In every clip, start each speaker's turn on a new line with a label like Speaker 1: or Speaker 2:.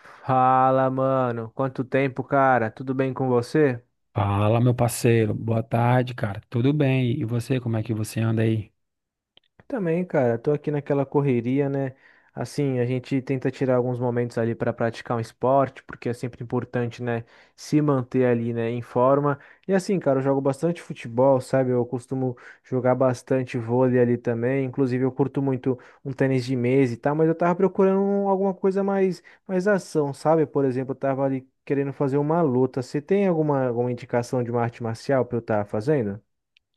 Speaker 1: Fala, mano. Quanto tempo, cara? Tudo bem com você?
Speaker 2: Fala, meu parceiro. Boa tarde, cara. Tudo bem? E você, como é que você anda aí?
Speaker 1: Também, cara, tô aqui naquela correria, né? Assim, a gente tenta tirar alguns momentos ali para praticar um esporte, porque é sempre importante, né, se manter ali, né, em forma. E assim, cara, eu jogo bastante futebol, sabe? Eu costumo jogar bastante vôlei ali também. Inclusive, eu curto muito um tênis de mesa e tal, mas eu tava procurando alguma coisa mais, mais ação, sabe? Por exemplo, eu tava ali querendo fazer uma luta. Você tem alguma, alguma indicação de uma arte marcial pra eu estar fazendo?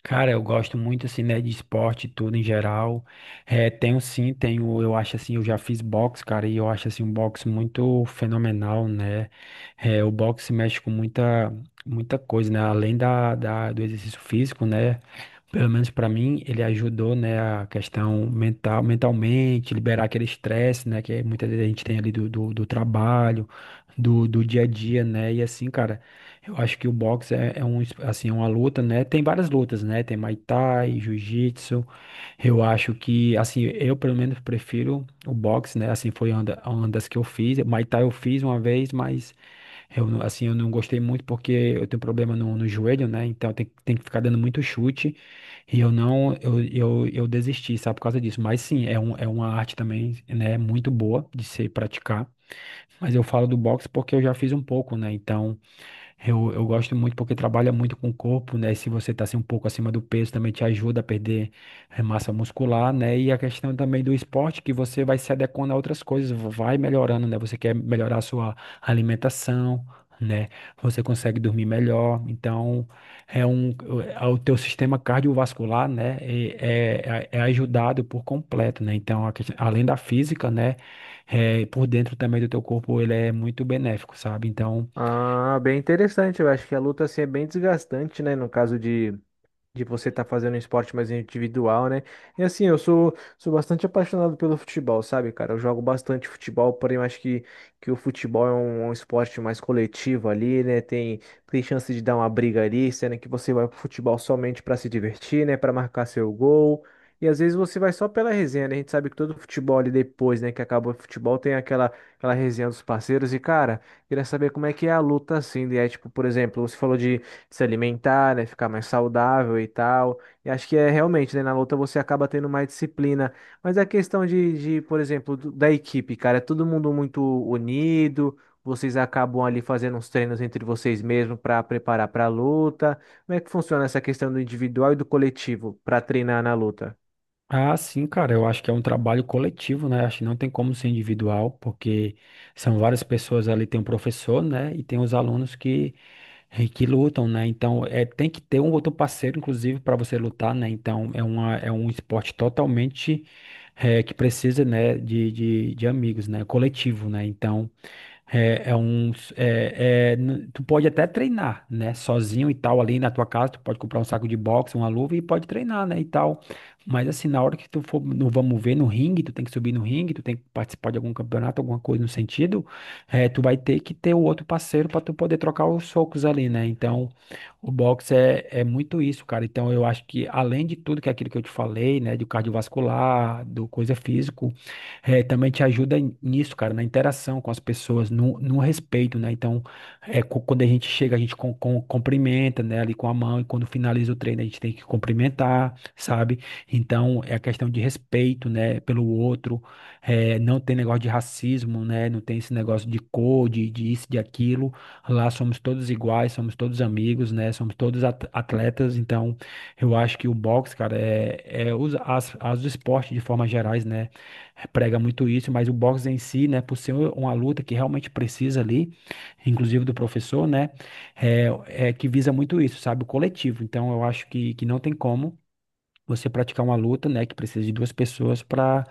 Speaker 2: Cara, eu gosto muito assim, né, de esporte, e tudo em geral. É, tenho sim, eu acho assim, eu já fiz boxe, cara, e eu acho assim um boxe muito fenomenal, né? É, o boxe mexe com muita, muita coisa, né? Além do exercício físico, né? Pelo menos pra mim, ele ajudou, né, a questão mental, mentalmente, liberar aquele estresse, né, que muita vezes a gente tem ali do trabalho, do dia a dia, né? E assim, cara. Eu acho que o boxe é um, assim, é uma luta, né? Tem várias lutas, né? Tem Muay Thai, Jiu-Jitsu. Eu acho que, assim, eu pelo menos prefiro o boxe, né? Assim, foi uma das que eu fiz. Muay Thai eu fiz uma vez, mas eu, não- assim, eu não gostei muito porque eu tenho problema no joelho, né? Então tem que ficar dando muito chute. E eu não, eu desisti, sabe, por causa disso. Mas sim, é uma arte também, né? Muito boa de se praticar. Mas eu falo do boxe porque eu já fiz um pouco, né? Então. Eu gosto muito porque trabalha muito com o corpo, né? Se você tá assim, um pouco acima do peso, também te ajuda a perder massa muscular, né? E a questão também do esporte, que você vai se adequando a outras coisas, vai melhorando, né? Você quer melhorar a sua alimentação, né? Você consegue dormir melhor. Então, é um, é o teu sistema cardiovascular, né? É ajudado por completo, né? Então, além da física, né? Por dentro também do teu corpo, ele é muito benéfico, sabe? Então.
Speaker 1: Ah, bem interessante. Eu acho que a luta assim é bem desgastante, né? No caso de você estar fazendo um esporte mais individual, né? E assim, eu sou, sou bastante apaixonado pelo futebol, sabe, cara? Eu jogo bastante futebol, porém eu acho que o futebol é um, um esporte mais coletivo ali, né? Tem, tem chance de dar uma briga ali, sendo que você vai pro futebol somente para se divertir, né? Para marcar seu gol. E às vezes você vai só pela resenha, né? A gente sabe que todo futebol ali depois, né, que acabou o futebol, tem aquela, aquela resenha dos parceiros. E, cara, queria saber como é que é a luta assim, né? Tipo, por exemplo, você falou de, se alimentar, né, ficar mais saudável e tal. E acho que é realmente, né, na luta você acaba tendo mais disciplina. Mas a questão de, por exemplo, da equipe, cara, é todo mundo muito unido. Vocês acabam ali fazendo uns treinos entre vocês mesmos para preparar para a luta. Como é que funciona essa questão do individual e do coletivo para treinar na luta?
Speaker 2: Ah, sim, cara, eu acho que é um trabalho coletivo, né? Acho que não tem como ser individual, porque são várias pessoas ali, tem um professor, né? E tem os alunos que lutam, né? Então, é, tem que ter um outro parceiro, inclusive, para você lutar, né? Então, é um esporte totalmente, que precisa, né, de amigos, né? Coletivo, né? Então, é, é um, tu pode até treinar, né? Sozinho e tal, ali na tua casa, tu pode comprar um saco de boxe, uma luva e pode treinar, né? E tal. Mas assim, na hora que tu for no vamos ver, no ringue, tu tem que subir no ringue, tu tem que participar de algum campeonato, alguma coisa no sentido, é, tu vai ter que ter o outro parceiro para tu poder trocar os socos ali, né? Então, o boxe é muito isso, cara. Então, eu acho que além de tudo que é aquilo que eu te falei, né? Do cardiovascular, do coisa física é, também te ajuda nisso, cara, na interação com as pessoas, no respeito, né? Então, é, quando a gente chega, a gente cumprimenta, né, ali com a mão, e quando finaliza o treino, a gente tem que cumprimentar, sabe? Então, é a questão de respeito, né, pelo outro, é, não tem negócio de racismo, né? Não tem esse negócio de cor, de isso, de aquilo. Lá somos todos iguais, somos todos amigos, né? Somos todos atletas, então, eu acho que o boxe, cara, é, é os, as esportes de forma gerais, né? Prega muito isso, mas o boxe em si, né, por ser uma luta que realmente precisa ali, inclusive do professor, né, é que visa muito isso, sabe, o coletivo. Então, eu acho que não tem como você praticar uma luta, né, que precisa de duas pessoas para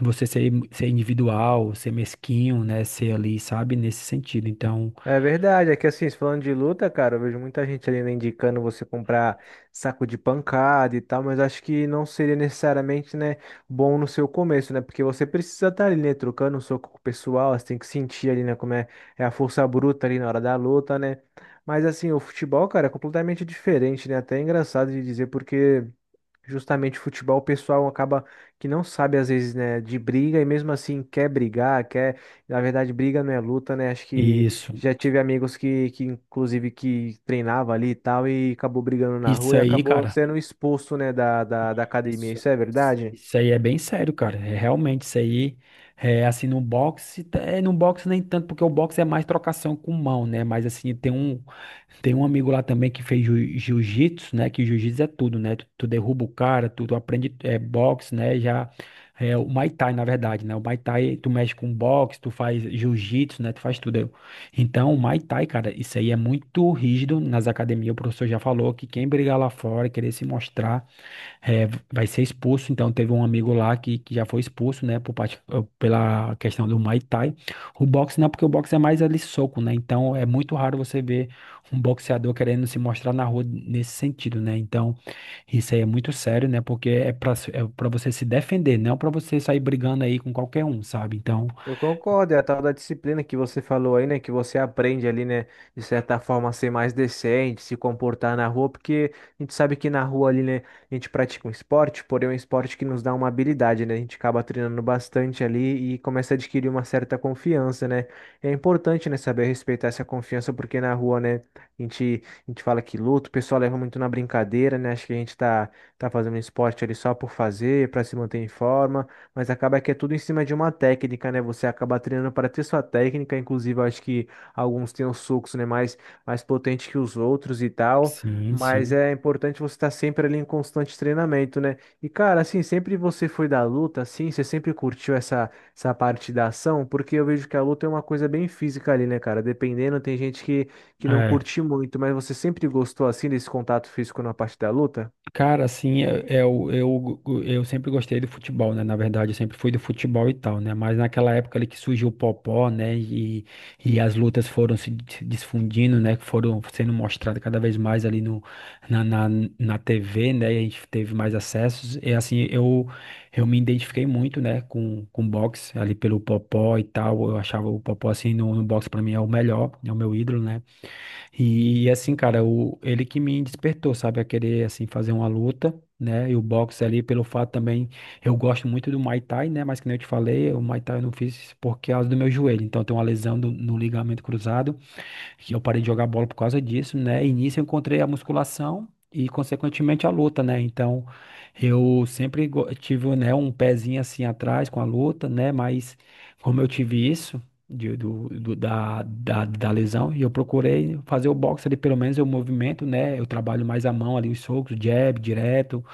Speaker 2: você ser individual, ser mesquinho, né, ser ali, sabe, nesse sentido. Então,
Speaker 1: É verdade, é que assim, falando de luta, cara, eu vejo muita gente ali né, indicando você comprar saco de pancada e tal, mas acho que não seria necessariamente, né, bom no seu começo, né? Porque você precisa estar ali, né, trocando um soco com o pessoal, você tem que sentir ali, né, como é, é a força bruta ali na hora da luta, né? Mas assim, o futebol, cara, é completamente diferente, né? Até é engraçado de dizer, porque justamente futebol, o pessoal acaba que não sabe às vezes, né, de briga e mesmo assim quer brigar, quer, na verdade, briga não é luta, né? Acho que
Speaker 2: isso,
Speaker 1: já tive amigos que inclusive, que treinava ali e tal e acabou brigando na
Speaker 2: isso
Speaker 1: rua e
Speaker 2: aí,
Speaker 1: acabou
Speaker 2: cara.
Speaker 1: sendo expulso, né, da, da, da academia.
Speaker 2: Isso.
Speaker 1: Isso é verdade?
Speaker 2: Isso aí é bem sério, cara. É, realmente, isso aí é assim no boxe, é no boxe nem tanto, porque o boxe é mais trocação com mão, né? Mas assim, tem um amigo lá também que fez jiu-jitsu, né? Que jiu-jitsu é tudo, né? Tu derruba o cara, tu aprende é, boxe, né? Já é o Muay Thai, na verdade, né? O Muay Thai, tu mexe com boxe, tu faz jiu-jitsu, né? Tu faz tudo. Então, o Muay Thai, cara, isso aí é muito rígido nas academias. O professor já falou que quem brigar lá fora, e querer se mostrar é, vai ser expulso, então teve um amigo lá que já foi expulso, né, por parte, pela questão do Muay Thai. O boxe não, porque o boxe é mais ali soco, né, então é muito raro você ver um boxeador querendo se mostrar na rua nesse sentido, né, então isso aí é muito sério, né, porque é pra você se defender, não pra você sair brigando aí com qualquer um, sabe, então,
Speaker 1: Eu concordo, é a tal da disciplina que você falou aí, né? Que você aprende ali, né? De certa forma, a ser mais decente, se comportar na rua, porque a gente sabe que na rua ali, né? A gente pratica um esporte, porém é um esporte que nos dá uma habilidade, né? A gente acaba treinando bastante ali e começa a adquirir uma certa confiança, né? É importante, né? Saber respeitar essa confiança, porque na rua, né? A gente fala que luta, o pessoal leva muito na brincadeira, né? Acho que a gente tá, tá fazendo esporte ali só por fazer, pra se manter em forma. Mas acaba que é tudo em cima de uma técnica, né? Você acaba treinando para ter sua técnica, inclusive eu acho que alguns têm os socos, né, mais mais potente que os outros e tal.
Speaker 2: sim,
Speaker 1: Mas
Speaker 2: sim.
Speaker 1: é importante você estar sempre ali em constante treinamento, né? E cara, assim, sempre você foi da luta, assim, você sempre curtiu essa essa parte da ação, porque eu vejo que a luta é uma coisa bem física ali, né, cara? Dependendo, tem gente que não curte muito, mas você sempre gostou assim desse contato físico na parte da luta?
Speaker 2: Cara, assim, eu sempre gostei do futebol, né? Na verdade, eu sempre fui do futebol e tal, né? Mas naquela época ali que surgiu o Popó, né? E as lutas foram se difundindo, né? Que foram sendo mostradas cada vez mais ali no, na, na, na TV, né? E a gente teve mais acessos. E assim, eu me identifiquei muito, né? Com boxe, ali pelo Popó e tal. Eu achava o Popó, assim, no boxe pra mim é o melhor, é o meu ídolo, né? E, assim, cara, ele que me despertou, sabe, a querer, assim, fazer uma luta, né, e o boxe ali, pelo fato também, eu gosto muito do Muay Thai, né, mas que nem eu te falei, o Muay Thai eu não fiz por causa do meu joelho, então tem uma lesão no ligamento cruzado, que eu parei de jogar bola por causa disso, né? E nisso eu encontrei a musculação e, consequentemente, a luta, né? Então, eu sempre tive, né, um pezinho assim atrás com a luta, né? Mas como eu tive isso da lesão, e eu procurei fazer o boxe ali, pelo menos o movimento, né? Eu trabalho mais a mão ali, os socos, jab, direto,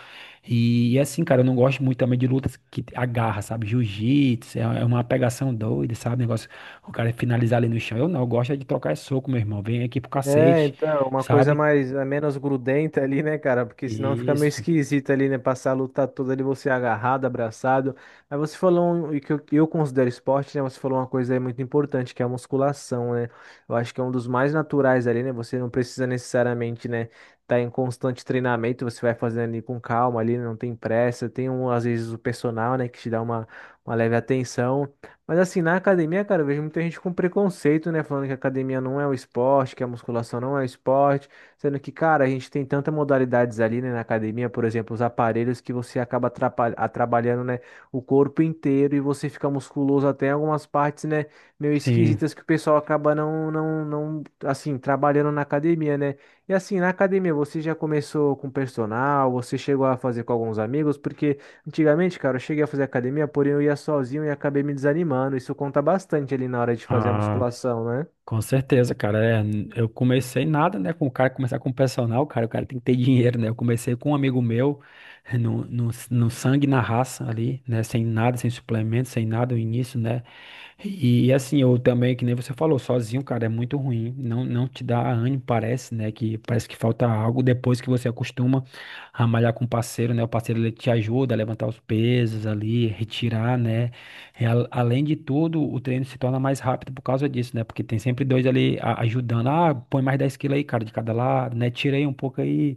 Speaker 2: e assim, cara, eu não gosto muito também de lutas que agarra, sabe? Jiu-jitsu, é uma pegação doida, sabe? Negócio, o cara finalizar ali no chão. Eu não, eu gosto é de trocar esse soco, meu irmão. Vem aqui pro
Speaker 1: É,
Speaker 2: cacete,
Speaker 1: então, uma coisa
Speaker 2: sabe?
Speaker 1: mais, é menos grudenta ali, né, cara? Porque senão fica meio
Speaker 2: Isso,
Speaker 1: esquisito ali, né? Passar a luta toda ali, você agarrado, abraçado. Aí você falou, e que eu considero esporte, né? Você falou uma coisa aí muito importante, que é a musculação, né? Eu acho que é um dos mais naturais ali, né? Você não precisa necessariamente, né, tá em constante treinamento, você vai fazendo ali com calma ali, não tem pressa. Tem um, às vezes o personal, né, que te dá uma leve atenção. Mas assim, na academia, cara, eu vejo muita gente com preconceito, né? Falando que a academia não é o esporte, que a musculação não é o esporte. Sendo que, cara, a gente tem tantas modalidades ali, né, na academia, por exemplo, os aparelhos que você acaba trabalhando, né, o corpo inteiro e você fica musculoso até em algumas partes, né, meio
Speaker 2: sim.
Speaker 1: esquisitas que o pessoal acaba não, não, não, assim, trabalhando na academia, né? E assim, na academia, você já começou com personal, você chegou a fazer com alguns amigos, porque. Antigamente, cara, eu cheguei a fazer academia, porém eu ia sozinho e acabei me desanimando. Isso conta bastante ali na hora de fazer a
Speaker 2: Ah,
Speaker 1: musculação, né?
Speaker 2: com certeza, cara. É, eu comecei nada, né? Com o cara começar com o personal, cara, o cara tem que ter dinheiro, né? Eu comecei com um amigo meu, no sangue, e na raça ali, né? Sem nada, sem suplemento, sem nada, no início, né? E assim, eu também, que nem você falou, sozinho, cara, é muito ruim. Não, não te dá ânimo, parece, né? Que parece que falta algo depois que você acostuma a malhar com o parceiro, né? O parceiro ele te ajuda a levantar os pesos ali, retirar, né? E além de tudo, o treino se torna mais rápido por causa disso, né? Porque tem sempre dois ali ajudando. Ah, põe mais 10 quilos aí, cara, de cada lado, né? Tirei um pouco aí.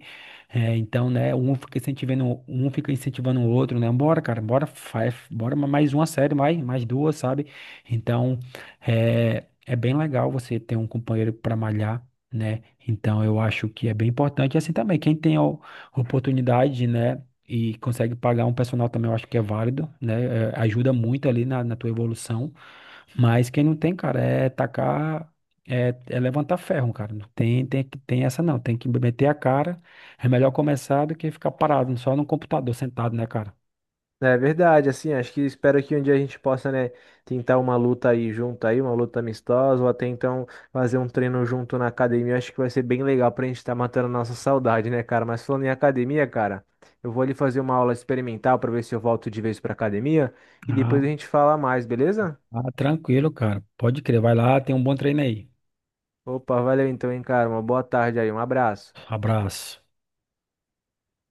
Speaker 2: É, então, né, um fica incentivando o outro, né? Bora, cara, bora, faz, bora mais uma série, mais duas, sabe? Então, é bem legal você ter um companheiro para malhar, né? Então, eu acho que é bem importante. E assim também, quem tem a oportunidade, né? E consegue pagar um personal também, eu acho que é válido, né? É, ajuda muito ali na tua evolução. Mas quem não tem, cara, é tacar. É levantar ferro, cara. Não tem essa não. Tem que meter a cara. É melhor começar do que ficar parado só no computador, sentado, né, cara?
Speaker 1: É verdade, assim, acho que espero que um dia a gente possa, né, tentar uma luta aí junto aí, uma luta amistosa, ou até então fazer um treino junto na academia. Acho que vai ser bem legal pra gente estar matando a nossa saudade, né, cara? Mas falando em academia, cara, eu vou ali fazer uma aula experimental pra ver se eu volto de vez pra academia e
Speaker 2: Ah,
Speaker 1: depois a gente fala mais, beleza?
Speaker 2: ah, tranquilo, cara. Pode crer. Vai lá, tem um bom treino aí.
Speaker 1: Opa, valeu então, hein, cara. Uma boa tarde aí, um abraço.
Speaker 2: Abraço.